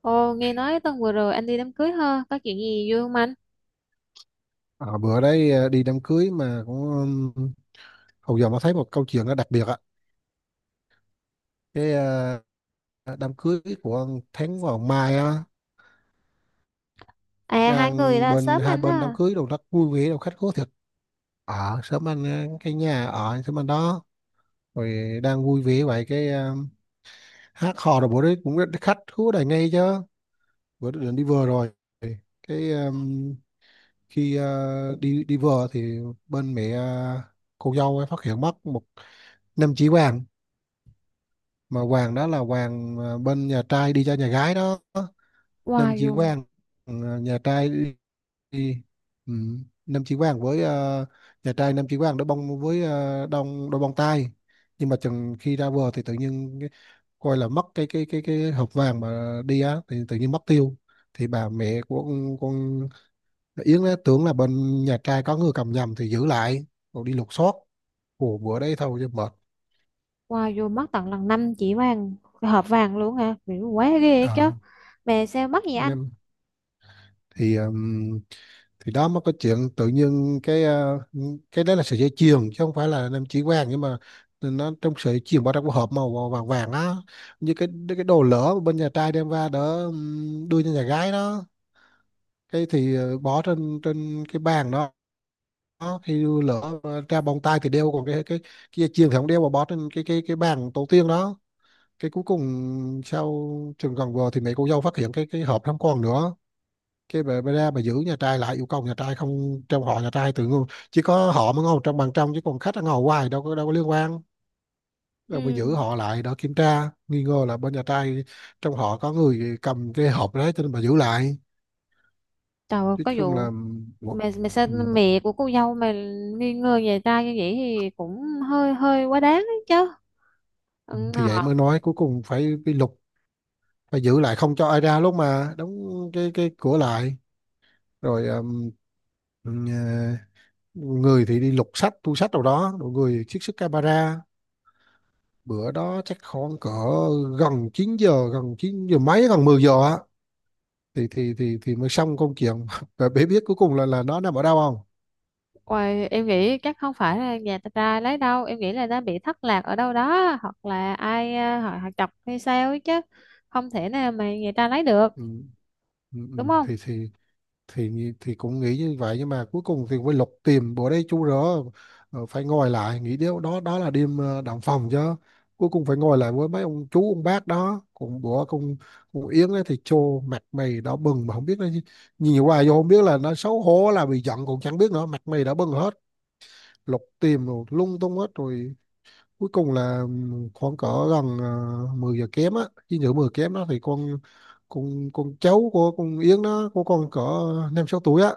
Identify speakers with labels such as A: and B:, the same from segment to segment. A: Ồ, nghe nói tuần vừa rồi anh đi đám cưới ha, có chuyện gì vui không anh?
B: À, bữa đấy đi đám cưới mà cũng ừm, hầu giờ mới thấy một câu chuyện nó đặc biệt ạ. Cái đám cưới của ông Thắng vào mai á,
A: À, hai người
B: đang
A: là
B: bên
A: sớm
B: hai
A: anh
B: bên đám
A: á.
B: cưới đồ rất vui vẻ đồ khách khứa thiệt. Ở sớm anh, cái nhà ở sớm anh đó. Rồi đang vui vẻ vậy cái hát hò rồi bữa đấy cũng khách khứa đầy ngay chứ. Bữa đó định đi vừa rồi cái khi đi đi vừa thì bên mẹ cô dâu ấy phát hiện mất một 5 chỉ vàng. Mà hoàng đó là hoàng bên nhà trai đi cho nhà gái đó, nam
A: Wow,
B: chi
A: dù,
B: quang. Ừ, nhà trai đi. Ừ. Nam chi quang với nhà trai nam chi quang đối bông với đông đôi bông tai, nhưng mà chừng khi ra bờ thì tự nhiên coi là mất cái hộp vàng mà đi á thì tự nhiên mất tiêu. Thì bà mẹ của con Yến á, tưởng là bên nhà trai có người cầm nhầm thì giữ lại rồi đi lục soát của bữa đấy thôi cho mệt.
A: wow, dù mất tận lần 5 chỉ vàng, cái hộp vàng luôn hả? Mày quá ghê ấy chứ.
B: Ờ,
A: Mẹ sao mất vậy anh?
B: nên thì ừm, thì đó mới có chuyện tự nhiên cái cái đấy là sợi dây chuyền chứ không phải là nam chỉ vàng, nhưng mà nó trong sợi chuyền bao trong cái hộp màu vàng vàng á, như cái đồ lỡ bên nhà trai đem ra đỡ đưa cho nhà gái đó. Cái thì bỏ trên trên cái bàn đó. Đó, khi lỡ ra bông tai thì đeo, còn cái dây chuyền thì không đeo mà bỏ trên cái bàn tổ tiên đó. Cái cuối cùng sau chừng gần vừa thì mẹ cô dâu phát hiện cái hộp không còn nữa. Cái bà ra bà giữ nhà trai lại, yêu cầu nhà trai không, trong họ nhà trai tự ngôn chỉ có họ mới ngồi trong bàn trong chứ còn khách nó ngồi hoài đâu có liên quan. Rồi mà
A: Ừ,
B: giữ họ lại đó kiểm tra, nghi ngờ là bên nhà trai trong họ có người cầm cái hộp đấy cho nên bà giữ lại.
A: trời ơi,
B: Nói
A: có
B: chung là,
A: vụ mẹ mẹ sao
B: ừ,
A: mẹ của cô dâu mà nghi ngờ nhà trai như vậy thì cũng hơi hơi quá đáng ấy chứ. Ừ,
B: thì vậy mới nói cuối cùng phải bị lục, phải giữ lại không cho ai ra lúc mà đóng cái cửa lại rồi. Ừ, người thì đi lục sách, thu sách đâu đó, rồi người trích xuất camera. Bữa đó chắc khoảng cỡ gần 9 giờ, gần 9 giờ mấy, gần 10 giờ á, thì mới xong công chuyện. Và bé biết cuối cùng là nó nằm ở đâu không?
A: ôi, em nghĩ chắc không phải là nhà ta trai lấy đâu, em nghĩ là đã bị thất lạc ở đâu đó hoặc là ai họ chọc hay sao ấy chứ, không thể nào mà nhà ta lấy được,
B: Ừ. Ừ. Ừ.
A: đúng không?
B: thì thì cũng nghĩ như vậy nhưng mà cuối cùng thì mới lục tìm bữa đây chú rỡ phải ngồi lại nghĩ điều đó, đó là đêm động phòng chứ. Cuối cùng phải ngồi lại với mấy ông chú ông bác đó cũng bữa cùng cùng Yến ấy thì trô mặt mày đỏ bừng mà không biết nó nhìn hoài vô không biết là nó xấu hổ là bị giận cũng chẳng biết nữa, mặt mày đỏ bừng hết. Lục tìm rồi lung tung hết rồi, cuối cùng là khoảng cỡ gần 10 giờ kém á, chín giờ 10 kém đó, thì con cháu của con Yến nó của con cỡ 5-6 tuổi á,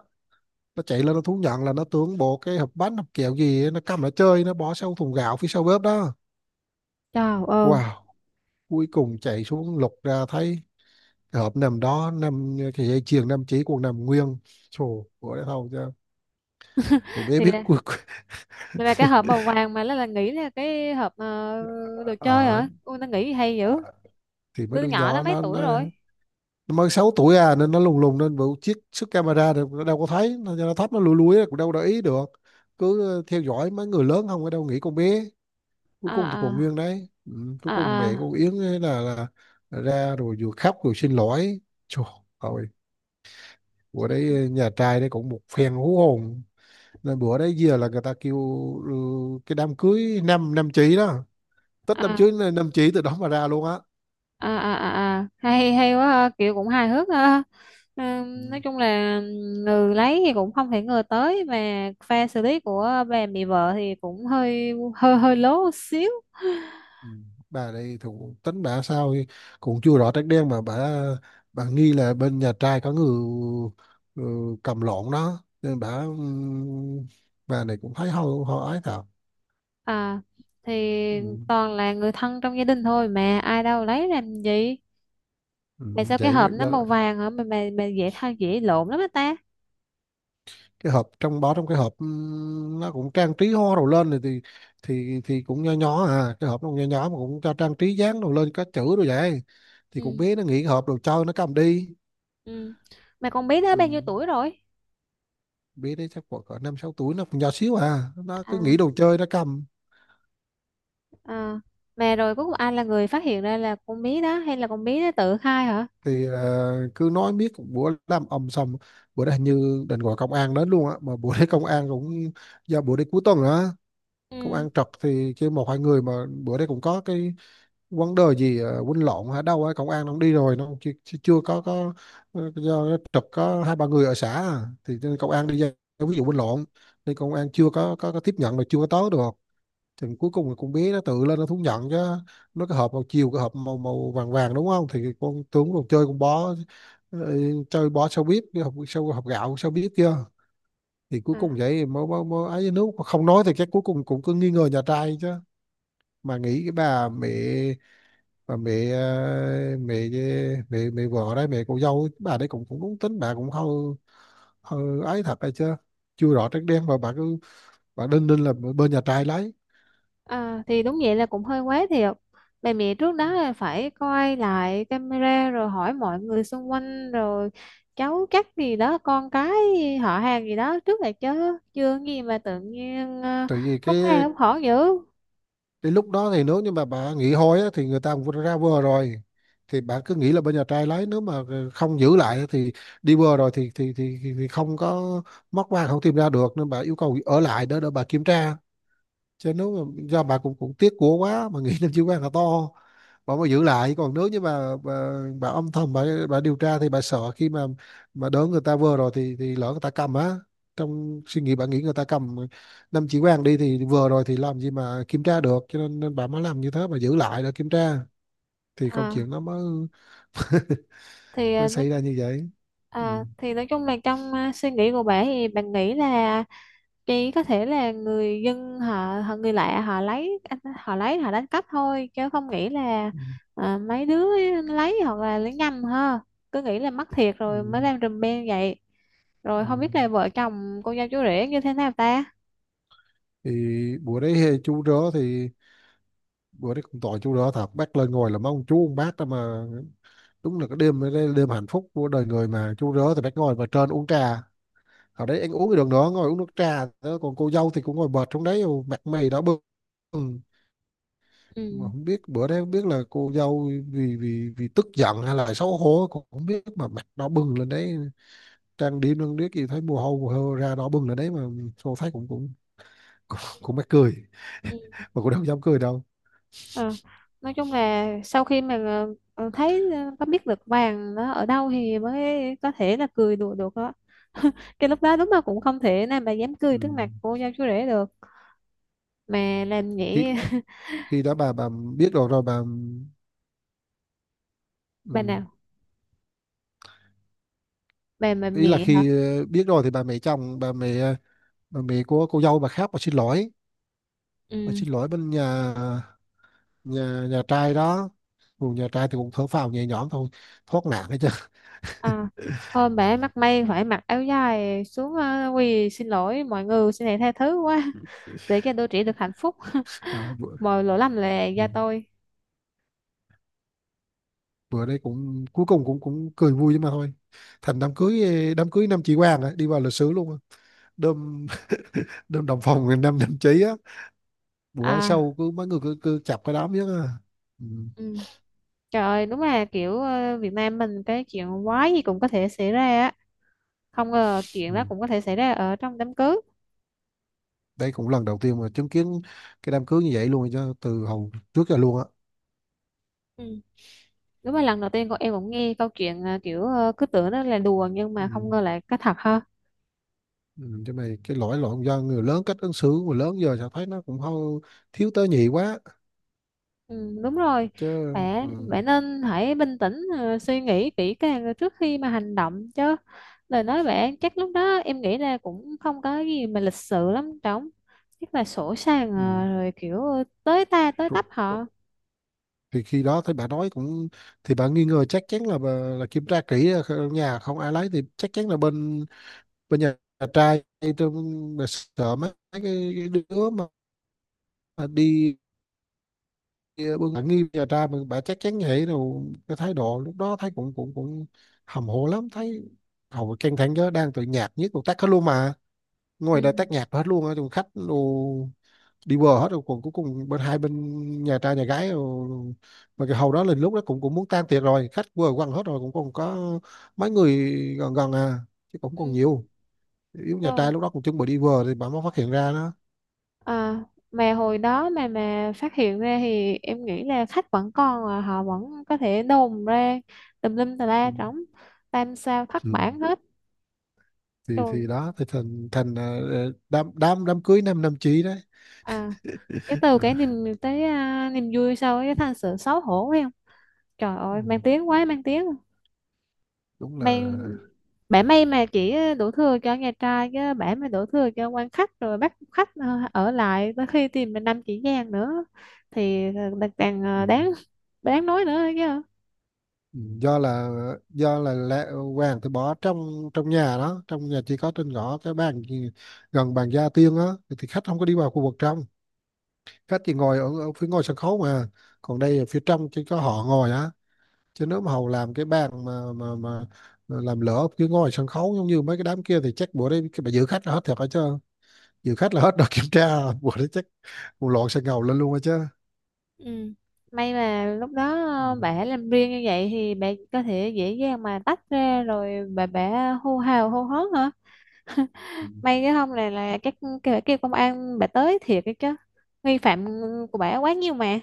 B: nó chạy lên nó thú nhận là nó tưởng bộ cái hộp bánh hộp kẹo gì ấy, nó cầm lại chơi nó bỏ sau thùng gạo phía sau bếp đó.
A: Trời ơi,
B: Wow, cuối cùng chạy xuống lục ra thấy cái hộp nằm đó, nằm cái dây chuyền nằm chỉ còn nằm nguyên. Trời ơi thôi chứ, cậu bé
A: thì
B: biết.
A: là
B: Cuộc.
A: thì là cái hộp màu vàng mà nó là nghĩ là cái hộp đồ chơi
B: À,
A: hả? Ôi, nó nghĩ hay
B: à,
A: dữ.
B: thì mấy
A: Đứa
B: đứa
A: nhỏ đó
B: nhỏ
A: mấy
B: nó
A: tuổi rồi?
B: nó mới 6 tuổi à nên nó lùng lùng nên bộ chiếc sức camera thì nó đâu có thấy, nó thấp nó lùi lúi cũng đâu để ý được, cứ theo dõi mấy người lớn không ở đâu nghĩ con bé. Cuối
A: À
B: cùng thì còn nguyên
A: à
B: đấy. Ừ, cuối
A: à
B: cùng mẹ
A: à,
B: cô Yến ấy là ra rồi vừa khóc rồi xin lỗi. Trời ơi, bữa
A: ừ,
B: đấy nhà trai đấy cũng một phen hú hồn, nên bữa đấy giờ là người ta kêu, ừ, cái đám cưới năm năm chỉ đó, tết đám
A: à
B: cưới năm chỉ từ đó mà ra luôn á.
A: à à à à. Hay hay quá ha. Kiểu cũng hài hước ha.
B: Ừ.
A: Nói chung là người lấy thì cũng không thể ngờ tới mà pha xử lý của bà mẹ vợ thì cũng hơi hơi hơi lố xíu.
B: Ừ, bà đây thủ tính bà sao thì cũng chưa rõ trách đen mà bà nghi là bên nhà trai có người ừ, cầm lộn đó nên bà, bà này cũng thấy hôi hôi ái thật.
A: À, thì
B: Ừ.
A: toàn là người thân trong gia đình thôi mà ai đâu lấy làm gì.
B: Ừ.
A: Mà sao cái
B: Vậy mà
A: hộp nó màu vàng hả, mà dễ thay dễ lộn lắm á ta.
B: cái hộp trong bó trong cái hộp, nó cũng trang trí hoa đồ lên rồi thì cũng nho nhỏ à, cái hộp nó cũng nho nhỏ mà cũng cho trang trí dán đồ lên có chữ đồ vậy, thì cũng
A: Ừ,
B: biết nó nghĩ hộp đồ chơi nó cầm đi.
A: ừ, mà con bé đó
B: Ừ,
A: bao nhiêu tuổi rồi?
B: biết đấy chắc khoảng cỡ năm sáu tuổi, nó còn nhỏ xíu à, nó
A: À,
B: cứ nghĩ đồ chơi nó cầm.
A: à, mà rồi cuối cùng ai là người phát hiện ra là con bé đó hay là con bé đó tự khai hả?
B: Thì cứ nói biết bữa làm ầm sầm. Bữa đó hình như định gọi công an đến luôn á, mà bữa đấy công an cũng do bữa đấy cuối tuần á, công
A: Ừ.
B: an trật thì kêu 1-2 người mà. Bữa đấy cũng có cái vấn đề gì quýnh lộn ở đâu á công an nó cũng đi rồi nó chưa, chưa chưa có. Do nó trật có 2-3 người ở xã à, thì cho nên công an đi ra ví dụ quýnh lộn thì công an chưa có tiếp nhận là chưa có tới được. Thì cuối cùng thì con bé nó tự lên nó thú nhận chứ. Nó cái hộp màu chiều cái hộp màu màu vàng vàng đúng không thì con tướng còn chơi con bó, ờ, chơi bó sao biết cái hộp sao hộp gạo sao biết chưa. Thì cuối
A: À,
B: cùng vậy thì mới mới mới ấy với nước. Mà không nói thì chắc cuối cùng cũng cứ nghi ngờ nhà trai chứ. Mà nghĩ cái bà mẹ, bà mẹ ờ, mẹ mẹ vợ đấy, mẹ cô dâu ấy, bà đấy cũng cũng đúng tính bà cũng hơi hơi ấy thật hay chưa, chưa rõ trắng đen mà bà cứ đinh ninh là bên nhà trai lấy,
A: à, thì đúng vậy là cũng hơi quá thiệt. Bà mẹ trước đó là phải coi lại camera rồi hỏi mọi người xung quanh rồi cháu chắc gì đó, con cái họ hàng gì đó trước là chứ, chưa gì mà tự nhiên
B: tại vì cái.
A: hốt ha hốt hỏ dữ.
B: Đến lúc đó thì nếu như mà bà nghỉ hôi á, thì người ta cũng ra bờ rồi, thì bà cứ nghĩ là bên nhà trai lấy, nếu mà không giữ lại thì đi bờ rồi thì không có móc vàng không tìm ra được nên bà yêu cầu ở lại đó để bà kiểm tra. Chứ nếu mà do bà cũng cũng tiếc của quá mà nghĩ nam Chí Quang là to, bà mới giữ lại. Còn nếu như bà âm thầm bà điều tra thì bà sợ khi mà đỡ người ta vừa rồi thì lỡ người ta cầm á, trong suy nghĩ bà nghĩ người ta cầm năm chỉ Quang đi thì vừa rồi thì làm gì mà kiểm tra được, cho nên bà mới làm như thế bà giữ lại để kiểm tra. Thì câu
A: À,
B: chuyện nó mới
A: thì
B: mới
A: nói.
B: xảy ra như vậy. Ừ.
A: À, thì nói chung là trong suy nghĩ của bà thì bạn nghĩ là chỉ có thể là người dân họ người lạ họ lấy, họ lấy họ đánh cắp thôi chứ không nghĩ là
B: Ừ.
A: mấy đứa lấy hoặc là lấy nhầm ha, cứ nghĩ là mất thiệt
B: Ừ.
A: rồi mới làm rùm beng vậy. Rồi
B: Ừ.
A: không biết là vợ chồng cô dâu chú rể như thế nào ta.
B: Thì bữa đấy chú rớ thì bữa đấy cũng tội chú rớ thật, bác lên ngồi là mấy ông chú ông bác đó mà. Đúng là cái đêm đấy là đêm hạnh phúc của đời người mà chú rớ thì phải ngồi vào trên uống trà ở đấy ăn uống cái đường đó ngồi uống nước trà đó. Còn cô dâu thì cũng ngồi bệt xuống đấy mặt mày đỏ bừng. Ừ, mà
A: Ừ.
B: không biết bữa đấy không biết là cô dâu vì vì vì tức giận hay là xấu hổ cũng không biết mà mặt đỏ bừng lên đấy, trang điểm lên biết gì thấy mồ hôi ra đỏ bừng lên đấy mà tôi thấy cũng mắc cười.
A: Ừ.
B: Mà cũng đâu dám cười đâu.
A: Ờ, nói chung là sau khi mà thấy có biết được vàng nó ở đâu thì mới có thể là cười đùa được đó. Cái lúc đó đúng là cũng không thể nào mà dám
B: Ừ,
A: cười trước mặt cô dâu chú rể được. Mà làm
B: khi
A: vậy
B: khi đó bà biết rồi rồi bà.
A: bà
B: Ừ,
A: nào? Bà
B: ý là
A: mẹ hả?
B: khi biết rồi thì bà mẹ chồng, bà mẹ của cô dâu bà khác bà xin lỗi, bà
A: Ừ,
B: xin lỗi bên nhà nhà nhà trai đó. Còn nhà trai thì cũng thở phào nhẹ nhõm thôi, thoát nạn hết trơn.
A: à, hôm bà ấy mắc may phải mặc áo dài xuống quỳ xin lỗi mọi người, xin hãy tha thứ quá để cho đôi trẻ được hạnh phúc.
B: À,
A: Mọi lỗi lầm là
B: ừ,
A: do tôi.
B: bữa đấy cũng cuối cùng cũng cũng cười vui mà thôi, thành đám cưới đám cưới năm chị Quang á, đi vào lịch sử luôn á. đơm đơm đồng phòng người năm năm đồng chí á. Bữa
A: À,
B: sau cứ mấy người cứ chập cái đám nhất á. Ừ.
A: ừ, trời ơi đúng là kiểu Việt Nam mình cái chuyện quái gì cũng có thể xảy ra á, không ngờ chuyện đó
B: Ừ.
A: cũng có thể xảy ra ở trong đám cưới.
B: Đây cũng lần đầu tiên mà chứng kiến cái đám cưới như vậy luôn chứ từ hồi trước giờ luôn á.
A: Ừ. Đúng là lần đầu tiên con em cũng nghe câu chuyện kiểu cứ tưởng nó là đùa nhưng mà
B: Ừ.
A: không ngờ lại có thật ha.
B: Ừ, chứ mày cái lỗi lộn do người lớn, cách ứng xử của người lớn giờ tao thấy nó cũng hơi thiếu tế nhị quá
A: Ừ, đúng rồi,
B: chứ.
A: bạn
B: Ừ.
A: bạn nên hãy bình tĩnh, suy nghĩ kỹ càng trước khi mà hành động chứ. Lời nói bạn chắc lúc đó em nghĩ là cũng không có gì mà lịch sự lắm trống, chắc là sổ sàng
B: Ừ.
A: rồi kiểu tới ta tới
B: Rồi-
A: tấp họ.
B: thì khi đó thấy bà nói cũng, thì bà nghi ngờ chắc chắn là bà, là kiểm tra kỹ ở nhà không ai lấy thì chắc chắn là bên bên nhà trai, tôi bà sợ mấy cái đứa mà đi bưng bà nghi nhà trai mà bà chắc chắn vậy rồi, cái thái độ lúc đó thấy cũng cũng cũng hầm hồ lắm thấy, hầu căng thẳng chứ đang tự nhạt nhất một tắt hết luôn mà ngoài đây tách
A: Ừ.
B: nhạc hết luôn á, tụi khách đồ đi bờ hết rồi còn cuối cùng bên hai bên nhà trai nhà gái rồi. Mà cái hầu đó lên lúc đó cũng cũng muốn tan tiệc rồi, khách vừa quăng hết rồi cũng còn có mấy người gần gần à, chứ cũng còn
A: Ừ.
B: nhiều yếu nhà
A: Rồi.
B: trai lúc đó cũng chuẩn bị đi bờ thì bà mới phát hiện ra đó.
A: À, mà hồi đó mà phát hiện ra thì em nghĩ là khách vẫn còn, à, họ vẫn có thể đồn ra tùm lum tà
B: Ừ.
A: la trống, tam sao thất
B: Ừ.
A: bản hết
B: thì
A: rồi.
B: thì đó thì thành thành đám đám đám cưới năm năm chí đấy.
A: À, cái từ
B: Ờ.
A: cái niềm tới à, niềm vui sau cái thành sự xấu hổ phải không? Trời
B: Ừ.
A: ơi mang tiếng quá, mang tiếng,
B: Đúng là
A: mang bả may mà chỉ đổ thừa cho nhà trai chứ bả mà đổ thừa cho quan khách rồi bắt khách ở lại tới khi tìm mình 5 chỉ vàng nữa thì
B: khách.
A: càng
B: Ừ,
A: đáng đáng nói nữa chứ.
B: do là do là lẹ, vàng thì bỏ trong trong nhà đó, trong nhà chỉ có trên ngõ gần bàn gia tiên á, thì khách không có đi vào khu vực trong, khách chỉ ngồi ở phía ngoài sân khấu mà. Còn đây ở phía trong chỉ có họ ngồi á. Chứ nếu mà hầu làm cái bàn mà làm lỡ ở phía ngoài sân khấu giống như mấy cái đám kia thì chắc bữa đấy cái bà giữ khách là hết thiệt hết chứ, giữ khách là hết đợt kiểm tra. Bữa đấy chắc một lộn sẽ ngầu lên luôn hết chứ.
A: Ừ, may mà lúc đó
B: Ừ.
A: bả làm riêng như vậy thì bả có thể dễ dàng mà tách ra rồi bả hô hào hô hớn hả.
B: Ừ.
A: May cái không này là các cái bà kêu công an, bà tới thiệt cái chứ nghi phạm của bà quá nhiều mà.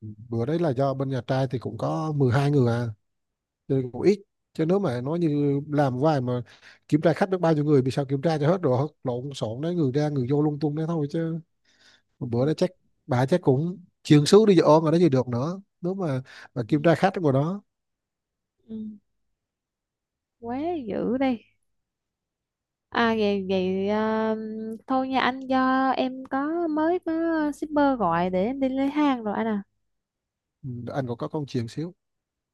B: Bữa đấy là do bên nhà trai thì cũng có 12 người à, chơi cũng ít. Chứ nếu mà nói như làm hoài mà kiểm tra khách được bao nhiêu người vì sao kiểm tra cho hết rồi lộn xộn đấy, người ra người vô lung tung đấy thôi chứ. Một
A: Ừ,
B: bữa đó chắc bà chắc cũng chuyện xíu đi ôm mà nó gì được nữa, nếu mà
A: ừ,
B: kiểm tra khách ở ngoài đó.
A: ừ. Quá dữ đi. À, vậy vậy thôi nha anh, do em mới có shipper gọi để em đi lấy hàng rồi anh à.
B: Ừ, anh còn có con chuyện xíu